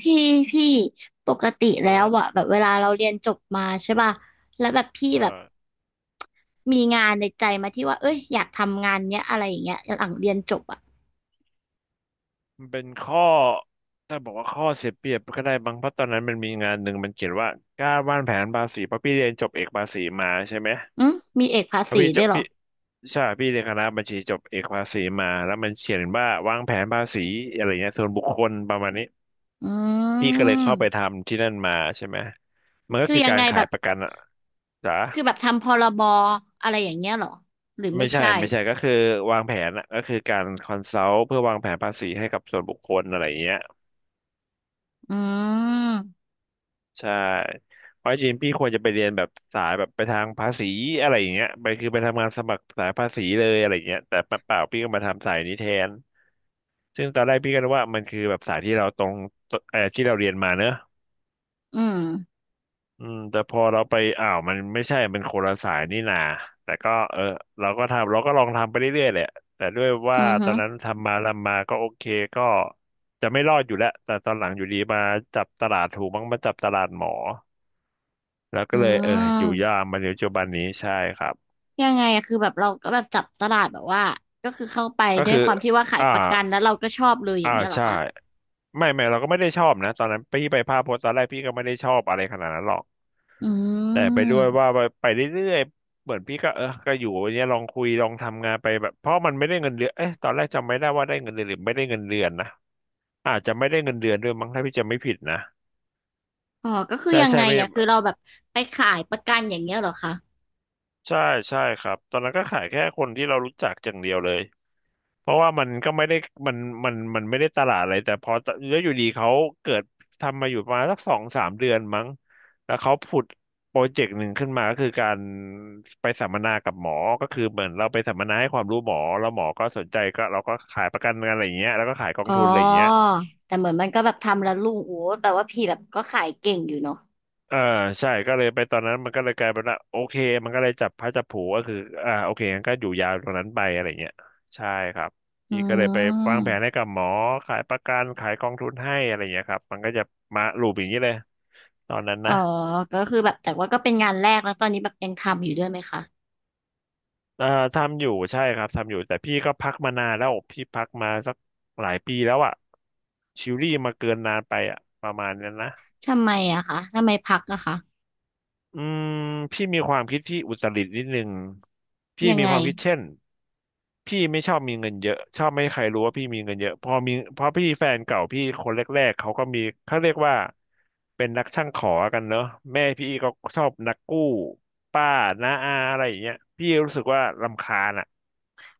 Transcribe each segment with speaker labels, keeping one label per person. Speaker 1: พี่พี่ปกติ
Speaker 2: ค
Speaker 1: แล้
Speaker 2: รั
Speaker 1: ว
Speaker 2: บ
Speaker 1: อะแบบเวลาเราเรียนจบมาใช่ป่ะแล้วแบบพี่
Speaker 2: ใช่
Speaker 1: แบบมีงานในใจมาที่ว่าเอ้ยอยากทำงานเนี้ยอะไรอย่างเงี้ยหลังเรียนจบอะ
Speaker 2: มันเป็นข้อถ้าบอกว่าข้อเสียเปรียบก็ได้บางเพราะตอนนั้นมันมีงานหนึ่งมันเขียนว่าการวางแผนภาษีเพราะพี่เรียนจบเอกภาษีมาใช่ไหม
Speaker 1: อืมมีเอกภา
Speaker 2: เพราะ
Speaker 1: ษี
Speaker 2: พี่จ
Speaker 1: ด้วย
Speaker 2: บ
Speaker 1: เหรอ
Speaker 2: พี่ใช่พี่เรียนคณะบัญชีจบเอกภาษีมาแล้วมันเขียนว่าวางแผนภาษีอะไรเงี้ยส่วนบุคคลประมาณนี้
Speaker 1: อื
Speaker 2: พี่ก็เลยเข้าไป
Speaker 1: ม
Speaker 2: ทำที่นั่นมาใช่ไหมมันก็
Speaker 1: คือ
Speaker 2: คือ
Speaker 1: ยัง
Speaker 2: การ
Speaker 1: ไงแบ
Speaker 2: ขาย
Speaker 1: บ
Speaker 2: ประกันอะจ๋า
Speaker 1: คือแบบทำพรบอะไรอย่างเงี้ยเหรอหรือไม่
Speaker 2: ไม่ใช่
Speaker 1: ใช่
Speaker 2: ไม่ใช่ก็คือวางแผนอะก็คือการคอนซัลท์เพื่อวางแผนภาษีให้กับส่วนบุคคลอะไรอย่างเงี้ย
Speaker 1: อืม
Speaker 2: ใช่เพราะจริงๆพี่ควรจะไปเรียนแบบสายแบบไปทางภาษีอะไรอย่างเงี้ยไปคือไปทำงานสมัครสายภาษีเลยอะไรอย่างเงี้ยแต่เปล่าๆพี่ก็มาทำสายนี้แทนซึ่งตอนแรกพี่ก็นึกว่ามันคือแบบสายที่เราตรงที่เราเรียนมาเนอะ
Speaker 1: อืม
Speaker 2: อืมแต่พอเราไปอ้าวมันไม่ใช่มันคนละสายนี่นาแต่ก็เออเราก็ทำเราก็ลองทำไปเรื่อยๆแหละแต่ด้วยว่า
Speaker 1: อือ
Speaker 2: ตอ
Speaker 1: ฮึ
Speaker 2: นนั้นทำมาทำมาก็โอเคก็จะไม่รอดอยู่แล้วแต่ตอนหลังอยู่ดีมาจับตลาดถูกมั้งมาจับตลาดหมอ แล้ว
Speaker 1: อื
Speaker 2: ก็เลยเอออยู่ยา
Speaker 1: ม
Speaker 2: กมาในปัจจุบันนี้ใช่ครับ
Speaker 1: ยังไงอะคือแบบเราก็แบบจับตลาดแบบว่าก็คือเข้าไป
Speaker 2: ก็
Speaker 1: ด้วย
Speaker 2: คือ
Speaker 1: ความที่ว่าขาย
Speaker 2: อ่า
Speaker 1: ประกันแล้วเราก็ชอบเลยอย่า
Speaker 2: อ่า
Speaker 1: งเงี้ยเหรอ
Speaker 2: ใช่
Speaker 1: คะ
Speaker 2: ไม่ไม่เราก็ไม่ได้ชอบนะตอนนั้นพี่ไปภาพพจน์ตอนแรกพี่ก็ไม่ได้ชอบอะไรขนาดนั้นหรอก
Speaker 1: อื
Speaker 2: แต่ไปด้วยว่า
Speaker 1: ม
Speaker 2: ไปเรื่อยๆเหมือนพี่ก็เออก็อยู่อย่างเนี้ยลองคุยลองทำงานไปแบบเพราะมันไม่ได้เงินเดือนเอ๊ะตอนแรกจำไม่ได้ว่าได้เงินเดือนหรือไม่ได้เงินเดือนนะอาจจะไม่ได้เงินเดือนด้วยมั้งถ้าพี่จำไม่ผิดนะ
Speaker 1: อ๋อก็คือ
Speaker 2: ใช่
Speaker 1: ยัง
Speaker 2: ใช่
Speaker 1: ไง
Speaker 2: ไม่
Speaker 1: อะคือเราแบบไปขายประกันอย่างเงี้ยเหรอคะ
Speaker 2: ใช่ใช่ครับตอนนั้นก็ขายแค่คนที่เรารู้จักอย่างเดียวเลย เพราะว่ามันก็ไม่ได้มันมันไม่ได้ตลาดอะไรแต่พอแล้วอยู่ดีเขาเกิดทำมาอยู่ประมาณสัก2-3 เดือนมั้งแล้วเขาผุดโปรเจกต์หนึ่งขึ้นมาก็คือการไปสัมมนากับหมอก็คือเหมือนเราไปสัมมนาให้ความรู้หมอแล้วหมอก็สนใจก็เราก็ขายประกันกันอะไรอย่างเงี้ยแล้วก็ขายกอง
Speaker 1: อ๋อ
Speaker 2: ทุนอะไรอย่างเงี้ย
Speaker 1: แต่เหมือนมันก็แบบทำแล้วลุงโอ้แปลว่าพี่แบบก็ขายเก่งอยู่เนาะ
Speaker 2: อ่าใช่ก็เลยไปตอนนั้นมันก็เลยกลายเป็นว่าโอเคมันก็เลยจับพระจับผลูก็คืออ่าโอเคงั้นก็อยู่ยาวตรงนั้นไปอะไรเงี้ยใช่ครับ
Speaker 1: อื
Speaker 2: พี่ก็เลยไปวางแผนให้
Speaker 1: ม
Speaker 2: กับหมอขายประกันขายกองทุนให้อะไรเงี้ยครับมันก็จะมาลูปอย่างนี้เลยตอนนั้น
Speaker 1: อ๋อ
Speaker 2: นะ
Speaker 1: ก็คือแบบแต่ว่าก็เป็นงานแรกแล้วตอนนี้แบบยังทำอยู่ด้วยไหมคะ
Speaker 2: เอ่อทำอยู่ใช่ครับทำอยู่แต่พี่ก็พักมานานแล้วพี่พักมาสักหลายปีแล้วอะชิลลี่มาเกินนานไปอะประมาณนั้นนะ
Speaker 1: ทำไมอะคะทำไมพักอะคะ
Speaker 2: อืมพี่มีความคิดที่อุตรินิดนึงพี่
Speaker 1: ยัง
Speaker 2: มี
Speaker 1: ไง
Speaker 2: ความคิดเช่นพี่ไม่ชอบมีเงินเยอะชอบไม่ให้ใครรู้ว่าพี่มีเงินเยอะพอมีพอพี่แฟนเก่าพี่คนแรกๆเขาก็มีเขาเรียกว่าเป็นนักช่างขอกันเนอะแม่พี่ก็ชอบนักกู้ป้าน้าอาอะไรอย่างเงี้ยพี่รู้สึกว่ารำคาญอ่ะ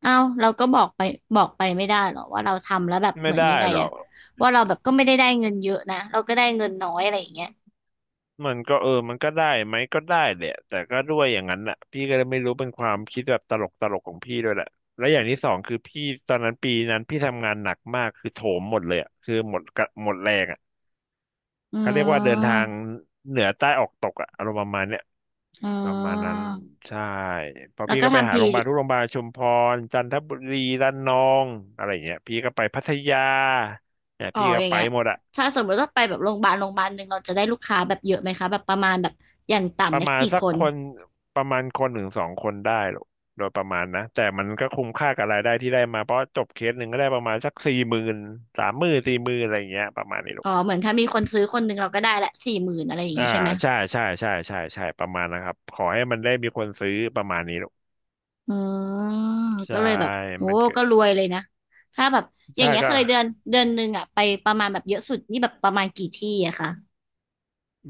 Speaker 1: เอ้าเราก็บอกไปบอกไปไม่ได้เหรอว่าเราทำแล้วแบบเห
Speaker 2: ไม่
Speaker 1: มือน
Speaker 2: ได้
Speaker 1: ยังไง
Speaker 2: หรอ
Speaker 1: อะ
Speaker 2: ก
Speaker 1: ว่าเราแบบก็ไม่ได้ได้เงินเยอะนะเราก็ได้เงินน้อยอะไรอย่างเงี้ย
Speaker 2: มันก็เออมันก็ได้ไหมก็ได้แหละแต่ก็ด้วยอย่างนั้นแหละพี่ก็เลยไม่รู้เป็นความคิดแบบตลกตลกของพี่ด้วยแหละและอย่างที่สองคือพี่ตอนนั้นปีนั้นพี่ทำงานหนักมากคือโถมหมดเลยอะคือหมดกะหมดแรงอ่ะ
Speaker 1: อื
Speaker 2: เขาเรียกว่าเดินทาง
Speaker 1: ม
Speaker 2: เหนือใต้ออกตกอ่ะอารมณ์ประมาณเนี้ย
Speaker 1: อื
Speaker 2: ประมาณนั้น
Speaker 1: ม
Speaker 2: ใช่เพอ
Speaker 1: แล้ว
Speaker 2: พี่
Speaker 1: ก็
Speaker 2: ก็ไป
Speaker 1: ทำ
Speaker 2: หา
Speaker 1: พี
Speaker 2: โรงพยาบาลทุกโรงพยาบาลชุมพรจันทบุรีระนองอะไรอย่างเงี้ยพี่ก็ไปพัทยาเนี่ย
Speaker 1: อ๋อ
Speaker 2: พี่ก็
Speaker 1: อย่าง
Speaker 2: ไป
Speaker 1: เงี้ย
Speaker 2: หมดอะ
Speaker 1: ถ้าสมมติว่าไปแบบโรงพยาบาลโรงพยาบาลหนึ่งเราจะได้ลูกค้าแบบเยอะไหมคะแบบประมาณแบบอย่าง
Speaker 2: ป
Speaker 1: ต่ำ
Speaker 2: ระ
Speaker 1: เนี่ย
Speaker 2: มาณ
Speaker 1: กี่
Speaker 2: สั
Speaker 1: ค
Speaker 2: ก
Speaker 1: น
Speaker 2: คนประมาณคนหนึ่งสองคนได้หรอกโดยประมาณนะแต่มันก็คุ้มค่ากับรายได้ที่ได้มาเพราะจบเคสหนึ่งก็ได้ประมาณสักสี่หมื่น30,000สี่หมื่นอะไรอย่างเงี้ยประมาณนี้หร
Speaker 1: อ๋
Speaker 2: อ
Speaker 1: อ
Speaker 2: ก
Speaker 1: เหมือนถ้ามีคนซื้อคนหนึ่งเราก็ได้ละสี่หมื่นอะไรอย่าง
Speaker 2: อ่า
Speaker 1: งี้ใช่ไหม
Speaker 2: ใช่ใช่ใช่ใช่ใช่ประมาณนะครับขอให้มันได้มีคนซื้อประมาณนี้หรอก
Speaker 1: อืม
Speaker 2: ใช่
Speaker 1: ก็เลยแบบโอ้
Speaker 2: มันก็
Speaker 1: ก็รวยเลยนะถ้าแบบอย่า
Speaker 2: ใช่
Speaker 1: งเงี้ย
Speaker 2: ก็
Speaker 1: เคยเดือนเดือนหนึ่งอะไปประมาณแบบเยอะสุดนี่แบบประมาณกี่ที่อะคะ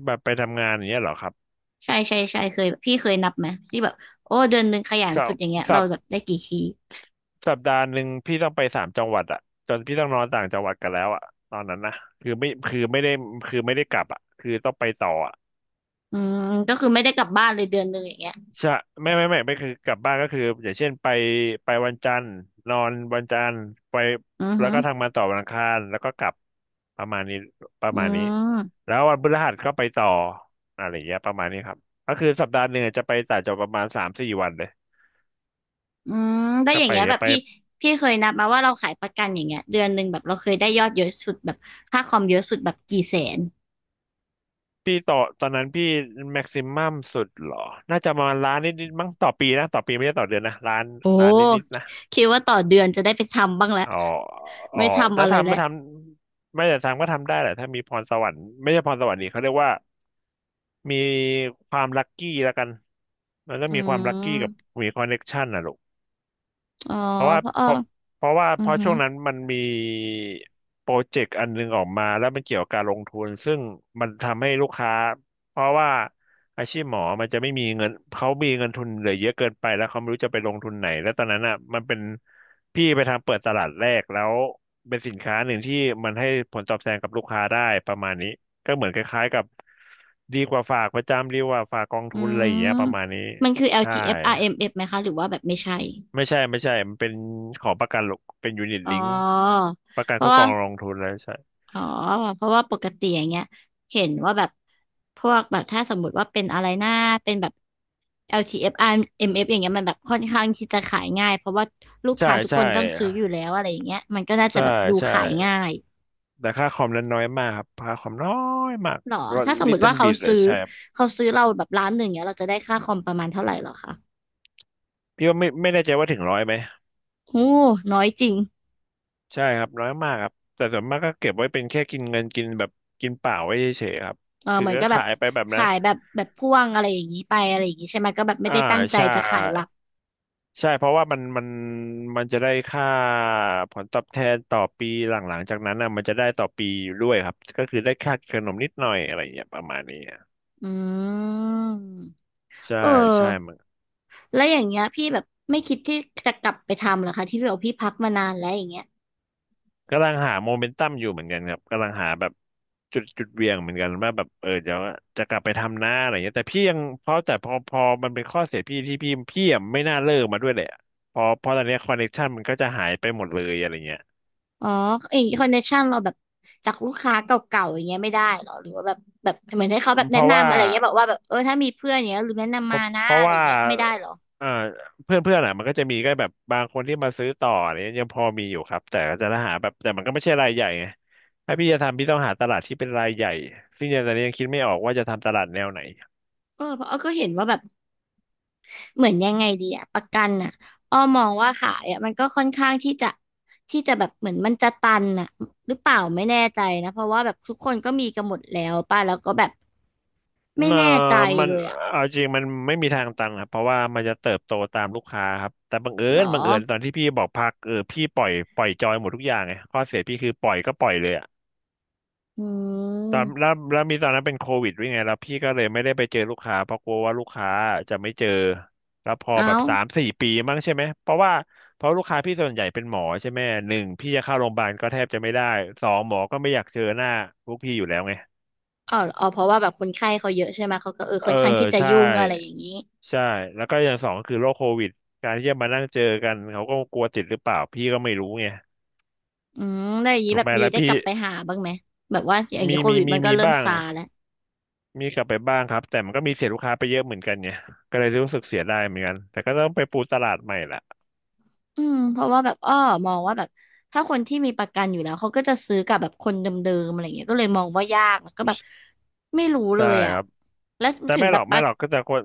Speaker 2: แบบไปทำงานอย่างเงี้ยเหรอครับ
Speaker 1: ใช่ใช่ใช่เคยพี่เคยนับไหมที่แบบโอ้เดือนหนึ่งขยัน
Speaker 2: สั
Speaker 1: สุ
Speaker 2: ป
Speaker 1: ดอย่างเงี้ยเรา
Speaker 2: สัป
Speaker 1: แบบได้กี่ที่
Speaker 2: สัปดาห์หนึ่งพี่ต้องไปสามจังหวัดอะจนพี่ต้องนอนต่างจังหวัดกันแล้วอะตอนนั้นนะคือไม่คือไม่ได้คือไม่ได้กลับอะคือต้องไปต่ออะ
Speaker 1: อืมก็คือไม่ได้กลับบ้านเลยเดือนหนึ่งอย่างเงี้ย
Speaker 2: ใช่ไม่คือกลับบ้านก็คืออย่างเช่นไปวันจันทร์นอนวันจันทร์ไป
Speaker 1: อือ
Speaker 2: แล้
Speaker 1: ฮึ
Speaker 2: วก็ทำงานต่อวันอังคารแล้วก็กลับประมาณนี้ประ
Speaker 1: อื
Speaker 2: มาณนี้
Speaker 1: ม
Speaker 2: แล้ววันพฤหัสก็ไปต่ออะไรอย่างเงี้ยประมาณนี้ครับก็คือสัปดาห์หนึ่งจะไปต่างจังหวัดประมาณสามสี่วันเลย
Speaker 1: อืมได้ว
Speaker 2: ก็
Speaker 1: อย่าง
Speaker 2: ไป
Speaker 1: เงี้ยแบบ
Speaker 2: ไป
Speaker 1: พี่พี่เคยนับมาว่าเราขายประกันอย่างเงี้ยเดือนหนึ่งแบบเราเคยได้ยอดเยอะสุดแบบค่าคอมเยอะสุดแบบกี่แสน
Speaker 2: พี่ต่อตอนนั้นพี่แม็กซิมัมสุดเหรอน่าจะประมาณล้านนิดๆมั้งต่อปีนะต่อปีไม่ใช่ต่อเดือนนะล้าน
Speaker 1: โอ
Speaker 2: ล้านนิดๆ
Speaker 1: ้
Speaker 2: นะ
Speaker 1: คิดว่าต่อเดือนจะได้ไปทำบ้างแล้ว
Speaker 2: อ๋ออ๋อ
Speaker 1: ไม่ทำ
Speaker 2: ถ้า
Speaker 1: อะไร
Speaker 2: ทำ
Speaker 1: แล้
Speaker 2: ไม่
Speaker 1: ว
Speaker 2: ทำไม่แต่ทำก็ทำได้แหละ ถ้ามีพรสวรรค์ไม่ใช่พรสวรรค์นี่เขาเรียกว่ามีความลัคกี้แล้วกัน มันต้อ
Speaker 1: อื
Speaker 2: งมีความลัคกี้กับ
Speaker 1: ม
Speaker 2: มีคอนเน็กชันนะลูก
Speaker 1: อ๋อ
Speaker 2: เพราะว่า
Speaker 1: เพราะออ
Speaker 2: เพราะเพราะว่า
Speaker 1: อื
Speaker 2: เพ
Speaker 1: อ
Speaker 2: ราะ
Speaker 1: หือ
Speaker 2: ช่วงนั้นมันมีโปรเจกต์อันนึงออกมาแล้วมันเกี่ยวกับการลงทุนซึ่งมันทำให้ลูกค้าเพราะว่าอาชีพหมอมันจะไม่มีเงินเขามีเงินทุนเหลือเยอะเกินไปแล้วเขาไม่รู้จะไปลงทุนไหนแล้วตอนนั้นอ่ะมันเป็นพี่ไปทำเปิดตลาดแรกแล้วเป็นสินค้าหนึ่งที่มันให้ผลตอบแทนกับลูกค้าได้ประมาณนี้ก็เหมือนคล้ายๆกับดีกว่าฝากประจำดีกว่าฝากกอง
Speaker 1: อื
Speaker 2: ทุนอะไรอย่าง
Speaker 1: ม
Speaker 2: เงี้ยประมาณนี้
Speaker 1: มันคือ
Speaker 2: ใช่
Speaker 1: LTF RMF ไหมคะหรือว่าแบบไม่ใช่
Speaker 2: ไม่ใช่ มันเป็นของประกันหรอกเป็นยูนิต
Speaker 1: อ๋อ
Speaker 2: ลิงก์ประกัน
Speaker 1: เพ
Speaker 2: คร
Speaker 1: ราะ
Speaker 2: อบคร
Speaker 1: ว่า
Speaker 2: องลงทุนแล้วใช่
Speaker 1: อ๋อเพราะว่าปกติอย่างเงี้ยเห็นว่าแบบพวกแบบถ้าสมมุติว่าเป็นอะไรหน้าเป็นแบบ LTF RMF อฟอาร์เอ็มเอฟอย่างเงี้ยมันแบบค่อนข้างที่จะขายง่ายเพราะว่าลูก
Speaker 2: ใช่
Speaker 1: ค้าทุกค
Speaker 2: ใช่
Speaker 1: นต้องซื้ออยู่แล้วอะไรอย่างเงี้ยมันก็น่าจะ
Speaker 2: ใช่
Speaker 1: แบบดู
Speaker 2: ใช่
Speaker 1: ขายง่าย
Speaker 2: แต่ค่าคอมนั้นน้อยมากครับค่าคอมน้อยมาก
Speaker 1: หรอ
Speaker 2: ร้อย
Speaker 1: ถ้าสม
Speaker 2: ลิ
Speaker 1: มุ
Speaker 2: ตร
Speaker 1: ติ
Speaker 2: ติ
Speaker 1: ว่าเขา
Speaker 2: บิดเล
Speaker 1: ซื้
Speaker 2: ย
Speaker 1: อ
Speaker 2: ใช่ครับ
Speaker 1: เขาซื้อเราแบบล้านหนึ่งเงี้ยเราจะได้ค่าคอมประมาณเท่าไหร่หรอคะ
Speaker 2: พี่ว่าไม่แน่ใจว่าถึงร้อยไหม
Speaker 1: โอ้น้อยจริง
Speaker 2: ใช่ครับน้อยมากครับแต่ส่วนมากก็เก็บไว้เป็นแค่กินเงินกินแบบกินเปล่าไว้เฉยๆครับ
Speaker 1: เออ
Speaker 2: คือ
Speaker 1: เหมือน
Speaker 2: ก็
Speaker 1: ก็แบบ
Speaker 2: ขายไปแบบนั้น
Speaker 1: ขายแบบแบบพ่วงอะไรอย่างงี้ไปอะไรอย่างงี้ใช่ไหมก็แบบไม่
Speaker 2: อ่า
Speaker 1: ได้ตั้งใจ
Speaker 2: ใช่
Speaker 1: จะขายหลัก
Speaker 2: ใช่เพราะว่ามันมันจะได้ค่าผลตอบแทนต่อปีหลังๆจากนั้นอะมันจะได้ต่อปีอยู่ด้วยครับก็คือได้ค่าขนมนิดหน่อยอะไรอย่างเงี้ยประมาณนี้อะ
Speaker 1: อืม
Speaker 2: ใช่
Speaker 1: เออ
Speaker 2: ใช่มัน
Speaker 1: แล้วอย่างเงี้ยพี่แบบไม่คิดที่จะกลับไปทำเหรอคะที่พี่บอกพี่พักมานานแล้วอย่างเงี้ย
Speaker 2: กำลังหาโมเมนตัมอยู่เหมือนกันครับกำลังหาแบบจุดเหวี่ยงเหมือนกันว่าแบบเออเดี๋ยวจะกลับไปทำหน้าอะไรเงี้ยแต่พี่ยังเพราะแต่พอมันเป็นข้อเสียพี่ที่พี่อะไม่น่าเลิกมาด้วยแหละพอเพราะตอนเนี้คอนเนคชันมันก็จะหายไปหมดเลยอะไรเงี้ย
Speaker 1: อ๋อเองคอนเนคชั่นเราแบบจากลูกค้าเก่าๆอย่างเงี้ยไม่ได้เหรอหรือว่าแบบแบบเหมือนให้เขาแบบ
Speaker 2: เพ
Speaker 1: แนะ
Speaker 2: ราะว่า
Speaker 1: นำอะไรเงี้ยบอกว่าแบบเออถ้ามีเพื่อนอย่างเงี้ยหรือแนะ
Speaker 2: เพ
Speaker 1: นำมา
Speaker 2: ราะ
Speaker 1: นะ
Speaker 2: เพราะ
Speaker 1: อะไรอ
Speaker 2: ว่า
Speaker 1: ย่างเงี้ยไม่ได้เหรอ
Speaker 2: เอ่อเพื่อนเพื่อนอ่ะมันก็จะมีก็แบบบางคนที่มาซื้อต่ออะไรเนี่ยยังพอมีอยู่ครับแต่ก็จะหาแบบแต่มันก็ไม่ใช่รายใหญ่ไงถ้าพี่จะทำพี่ต้องหาตลาดที่เป็นรายใหญ่ซึ่งตอนนี้ยังคิดไม่ออกว่าจะทำตลาดแนวไหน
Speaker 1: เออเพราะอ้อก็เห็นว่าแบบเหมือนยังไงดีอะประกันอะอ้อมองว่าขายอะมันก็ค่อนข้างที่จะที่จะแบบเหมือนมันจะตันอะหรือเปล่าไม่แน่ใจนะเพราะว่าแบบทุกคนก็มีกันหมดแล้วป่ะแล้วก็แบบไม่
Speaker 2: เอ่อ
Speaker 1: แน่ใจ
Speaker 2: มัน
Speaker 1: เลยอะ
Speaker 2: เอาจริงมันไม่มีทางตันครับเพราะว่ามันจะเติบโตตามลูกค้าครับแต่บังเอิ
Speaker 1: เหรอ
Speaker 2: ญบังเอิญตอนที่พี่บอกพักเออพี่ปล่อยจอยหมดทุกอย่างไงข้อเสียพี่คือปล่อยก็ปล่อยเลย
Speaker 1: อื
Speaker 2: ตอนแล้ว
Speaker 1: ม
Speaker 2: แล้วมีตอนนั้นเป็นโควิดด้วยไงแล้วพี่ก็เลยไม่ได้ไปเจอลูกค้าเพราะกลัวว่าลูกค้าจะไม่เจอแล้วพอ
Speaker 1: เอ้า
Speaker 2: แบบสามสี่ปีมั้งใช่ไหมเพราะว่าเพราะลูกค้าพี่ส่วนใหญ่เป็นหมอใช่ไหมหนึ่งพี่จะเข้าโรงพยาบาลก็แทบจะไม่ได้สองหมอก็ไม่อยากเจอหน้าพวกพี่อยู่แล้วไง
Speaker 1: อ๋ออ๋อเพราะว่าแบบคนไข้เขาเยอะใช่ไหมเขาก็เออ
Speaker 2: เอ
Speaker 1: ค่
Speaker 2: อ
Speaker 1: อนข้างที่จะ
Speaker 2: ใช่
Speaker 1: ยุ่งอะไรอย่างนี้
Speaker 2: ใช่แล้วก็อย่างสองก็คือโรคโควิดการที่จะมานั่งเจอกันเขาก็กลัวติดหรือเปล่าพี่ก็ไม่รู้ไง
Speaker 1: อืมแล้วอย่างนี้
Speaker 2: ถูก
Speaker 1: แบบ
Speaker 2: ไหม
Speaker 1: มี
Speaker 2: แล้ว
Speaker 1: ได้
Speaker 2: พี่
Speaker 1: กลับไปหาบ้างไหมแบบว่าอย่างนี้
Speaker 2: มี
Speaker 1: โค
Speaker 2: มี
Speaker 1: วิด
Speaker 2: มี
Speaker 1: มันก็
Speaker 2: มี
Speaker 1: เริ่ม
Speaker 2: บ้าง
Speaker 1: ซาแล้ว
Speaker 2: มีกลับไปบ้างครับแต่มันก็มีเสียลูกค้าไปเยอะเหมือนกันไงก็เลยรู้สึกเสียดายเหมือนกันแต่ก็ต้องไปปูตลาดใหม่แหละ
Speaker 1: อืมเพราะว่าแบบอ้อมองว่าแบบถ้าคนที่มีประกันอยู่แล้วเขาก็จะซื้อกับแบบคนเดิมๆอะไรเงี้ยก็เลยมองว่ายากแล้วก็แบบไม่รู้เล
Speaker 2: ใช่
Speaker 1: ยอ่ะ
Speaker 2: ครับ
Speaker 1: แล้ว
Speaker 2: แต่
Speaker 1: ถึง
Speaker 2: ไม่ห
Speaker 1: แบ
Speaker 2: รอ
Speaker 1: บ
Speaker 2: ก
Speaker 1: ป
Speaker 2: ไม่
Speaker 1: ระ
Speaker 2: หรอกก็จะคน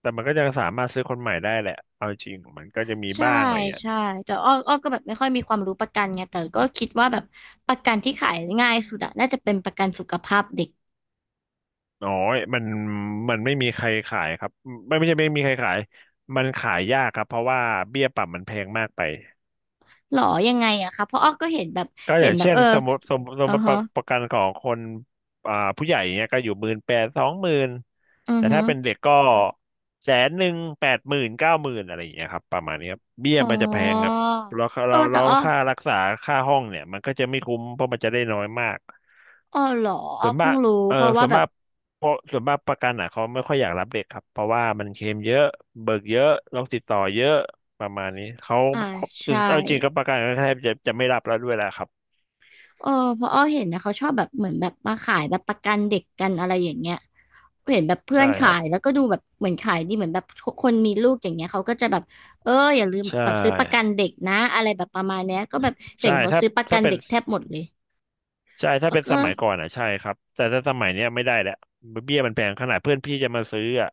Speaker 2: แต่มันก็จะสามารถซื้อคนใหม่ได้แหละเอาจริงมันก็จะมี
Speaker 1: ใช่
Speaker 2: บ้างอะไรเงี้ย
Speaker 1: ใช่แต่อ้ออ้อก็แบบไม่ค่อยมีความรู้ประกันไงแต่ก็คิดว่าแบบประกันที่ขายง่ายสุดอะน่าจะเป็นประกันสุขภาพเด็ก
Speaker 2: น้อยมันไม่มีใครขายครับไม่ใช่ไม่มีใครขายมันขายยากครับเพราะว่าเบี้ยปรับมันแพงมากไป
Speaker 1: หรอยังไงอะคะเพราะอ้อก็เห็นแบบ
Speaker 2: ก็อ
Speaker 1: เห็น
Speaker 2: ย่าง
Speaker 1: แบบ
Speaker 2: เช่น
Speaker 1: เออ
Speaker 2: สมมติสมส
Speaker 1: อื
Speaker 2: ม
Speaker 1: อ
Speaker 2: ป
Speaker 1: ฮะ
Speaker 2: ระประกันของคนอ่าผู้ใหญ่เนี่ยก็อยู่หมื่นแปดสองหมื่น
Speaker 1: อือ
Speaker 2: แต่
Speaker 1: ฮึ
Speaker 2: ถ้าเป็นเด็กก็แสนหนึ่งแปดหมื่นเก้าหมื่นอะไรอย่างเงี้ยครับประมาณนี้ครับเบี้ย
Speaker 1: อ๋อ
Speaker 2: มันจะแพงครับแล้ว
Speaker 1: เออ
Speaker 2: เรา
Speaker 1: แต่
Speaker 2: เรา
Speaker 1: อ้อ
Speaker 2: ค่ารักษาค่าห้องเนี่ยมันก็จะไม่คุ้มเพราะมันจะได้น้อยมาก
Speaker 1: อ้อหรออ้
Speaker 2: ส่
Speaker 1: อ
Speaker 2: วนมา
Speaker 1: เพิ่
Speaker 2: ก
Speaker 1: งรู้
Speaker 2: เออ
Speaker 1: เพราะว่า
Speaker 2: ส่วน
Speaker 1: แบ
Speaker 2: มา
Speaker 1: บ
Speaker 2: กเพราะส่วนมากประกันอ่ะเขาไม่ค่อยอยากรับเด็กครับเพราะว่ามันเคลมเยอะเบิกเยอะโรคติดต่อเยอะประมาณนี้เขา
Speaker 1: อ่า
Speaker 2: เขา
Speaker 1: ใช่
Speaker 2: เอาจริงกับประกันก็แทบจะไม่รับแล้วด้วยแหละครับ
Speaker 1: เออเพราะอ้อเห็นนะเขาชอบแบบเหมือนแบบมาขายแบบประกันเด็กกันอะไรอย่างเงี้ยเห็นแบบเพื่อ
Speaker 2: ใช่
Speaker 1: น
Speaker 2: ค
Speaker 1: ขา
Speaker 2: รับ
Speaker 1: ยแล้วก็ดูแบบเหมือนขายดีเหมือนแบบคนมีลูกอย่างเงี้ยเขาก็จะแบบเอออย่าลืม
Speaker 2: ใช่
Speaker 1: แบบซื้อประกันเด็กนะอะไรแบบประมาณเนี้ยก็แบบเห็
Speaker 2: ใช่
Speaker 1: นเขา
Speaker 2: ถ้า
Speaker 1: ซื้อประกั
Speaker 2: ถ้า
Speaker 1: น
Speaker 2: เป็น
Speaker 1: เด็กแทบหมดเลย
Speaker 2: ใช่
Speaker 1: เอ
Speaker 2: ถ้า
Speaker 1: อ
Speaker 2: เป็นส
Speaker 1: ก็
Speaker 2: มัยก่อนอ่ะใช่ครับแต่ถ้าสมัยเนี้ยไม่ได้แล้วเบี้ยมันแพงขนาดเพื่อนพี่จะมาซื้ออ่ะ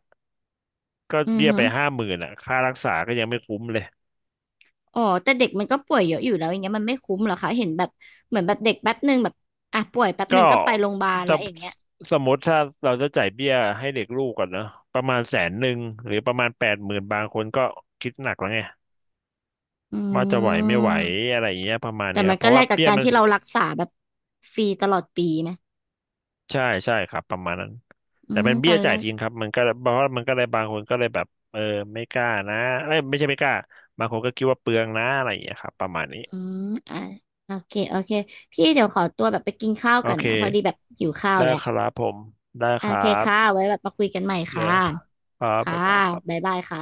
Speaker 2: ก็
Speaker 1: อือ
Speaker 2: เบี้ย
Speaker 1: ฮึ
Speaker 2: ไปห้าหมื่นอ่ะค่ารักษาก็ยังไม่คุ้มเลย
Speaker 1: อ๋อแต่เด็กมันก็ป่วยเยอะอยู่แล้วอย่างเงี้ยมันไม่คุ้มเหรอคะเห็นแบบเหมือนแบบเด็กแป๊บหนึ่งแบบอ่ะป่วยแป๊บห
Speaker 2: ก็
Speaker 1: นึ่งก็ไปโรงพยาบาลแล้
Speaker 2: ถ้า
Speaker 1: วอย่างเงี้ย
Speaker 2: สมมติถ้าเราจะจ่ายเบี้ยให้เด็กลูกก่อนเนอะประมาณแสนหนึ่งหรือประมาณแปดหมื่นบางคนก็คิดหนักแล้วไง
Speaker 1: อื
Speaker 2: ว่าจะไหวไม่ไหว
Speaker 1: ม
Speaker 2: อะไรอย่างเงี้ยประมาณ
Speaker 1: แต่
Speaker 2: นี้ค
Speaker 1: มั
Speaker 2: รั
Speaker 1: น
Speaker 2: บเพ
Speaker 1: ก็
Speaker 2: ราะ
Speaker 1: แล
Speaker 2: ว่า
Speaker 1: กกับ
Speaker 2: เบี้ย
Speaker 1: การ
Speaker 2: มัน
Speaker 1: ที่เรารักษาแบบฟรีตลอดปีไหม
Speaker 2: ใช่ใช่ครับประมาณนั้น
Speaker 1: อื
Speaker 2: แต่
Speaker 1: ม
Speaker 2: เป็น
Speaker 1: ต
Speaker 2: เบี้
Speaker 1: อ
Speaker 2: ย
Speaker 1: นแร
Speaker 2: จ่าย
Speaker 1: ก
Speaker 2: ทีมครับมันก็เพราะว่ามันก็เลยบางคนก็เลยแบบเออไม่กล้านะเอ้ยไม่ใช่ไม่กล้าบางคนก็คิดว่าเปลืองนะอะไรอย่างเงี้ยครับประมาณนี้
Speaker 1: อืมอ่ะโอเคโอเคพี่เดี๋ยวขอตัวแบบไปกินข้าว
Speaker 2: โอ
Speaker 1: กัน
Speaker 2: เค
Speaker 1: นะพอดีแบบหิวข้าว
Speaker 2: ได้
Speaker 1: แล้ว
Speaker 2: ครับผมได้
Speaker 1: โอ
Speaker 2: ครั
Speaker 1: เคค่ะ
Speaker 2: บ
Speaker 1: ไว้แบบมาคุยกันใหม่
Speaker 2: เล
Speaker 1: ค่ะ
Speaker 2: ยครับ
Speaker 1: ค่ะ
Speaker 2: บ๊ายบายครั
Speaker 1: บ๊า
Speaker 2: บ
Speaker 1: ยบายค่ะ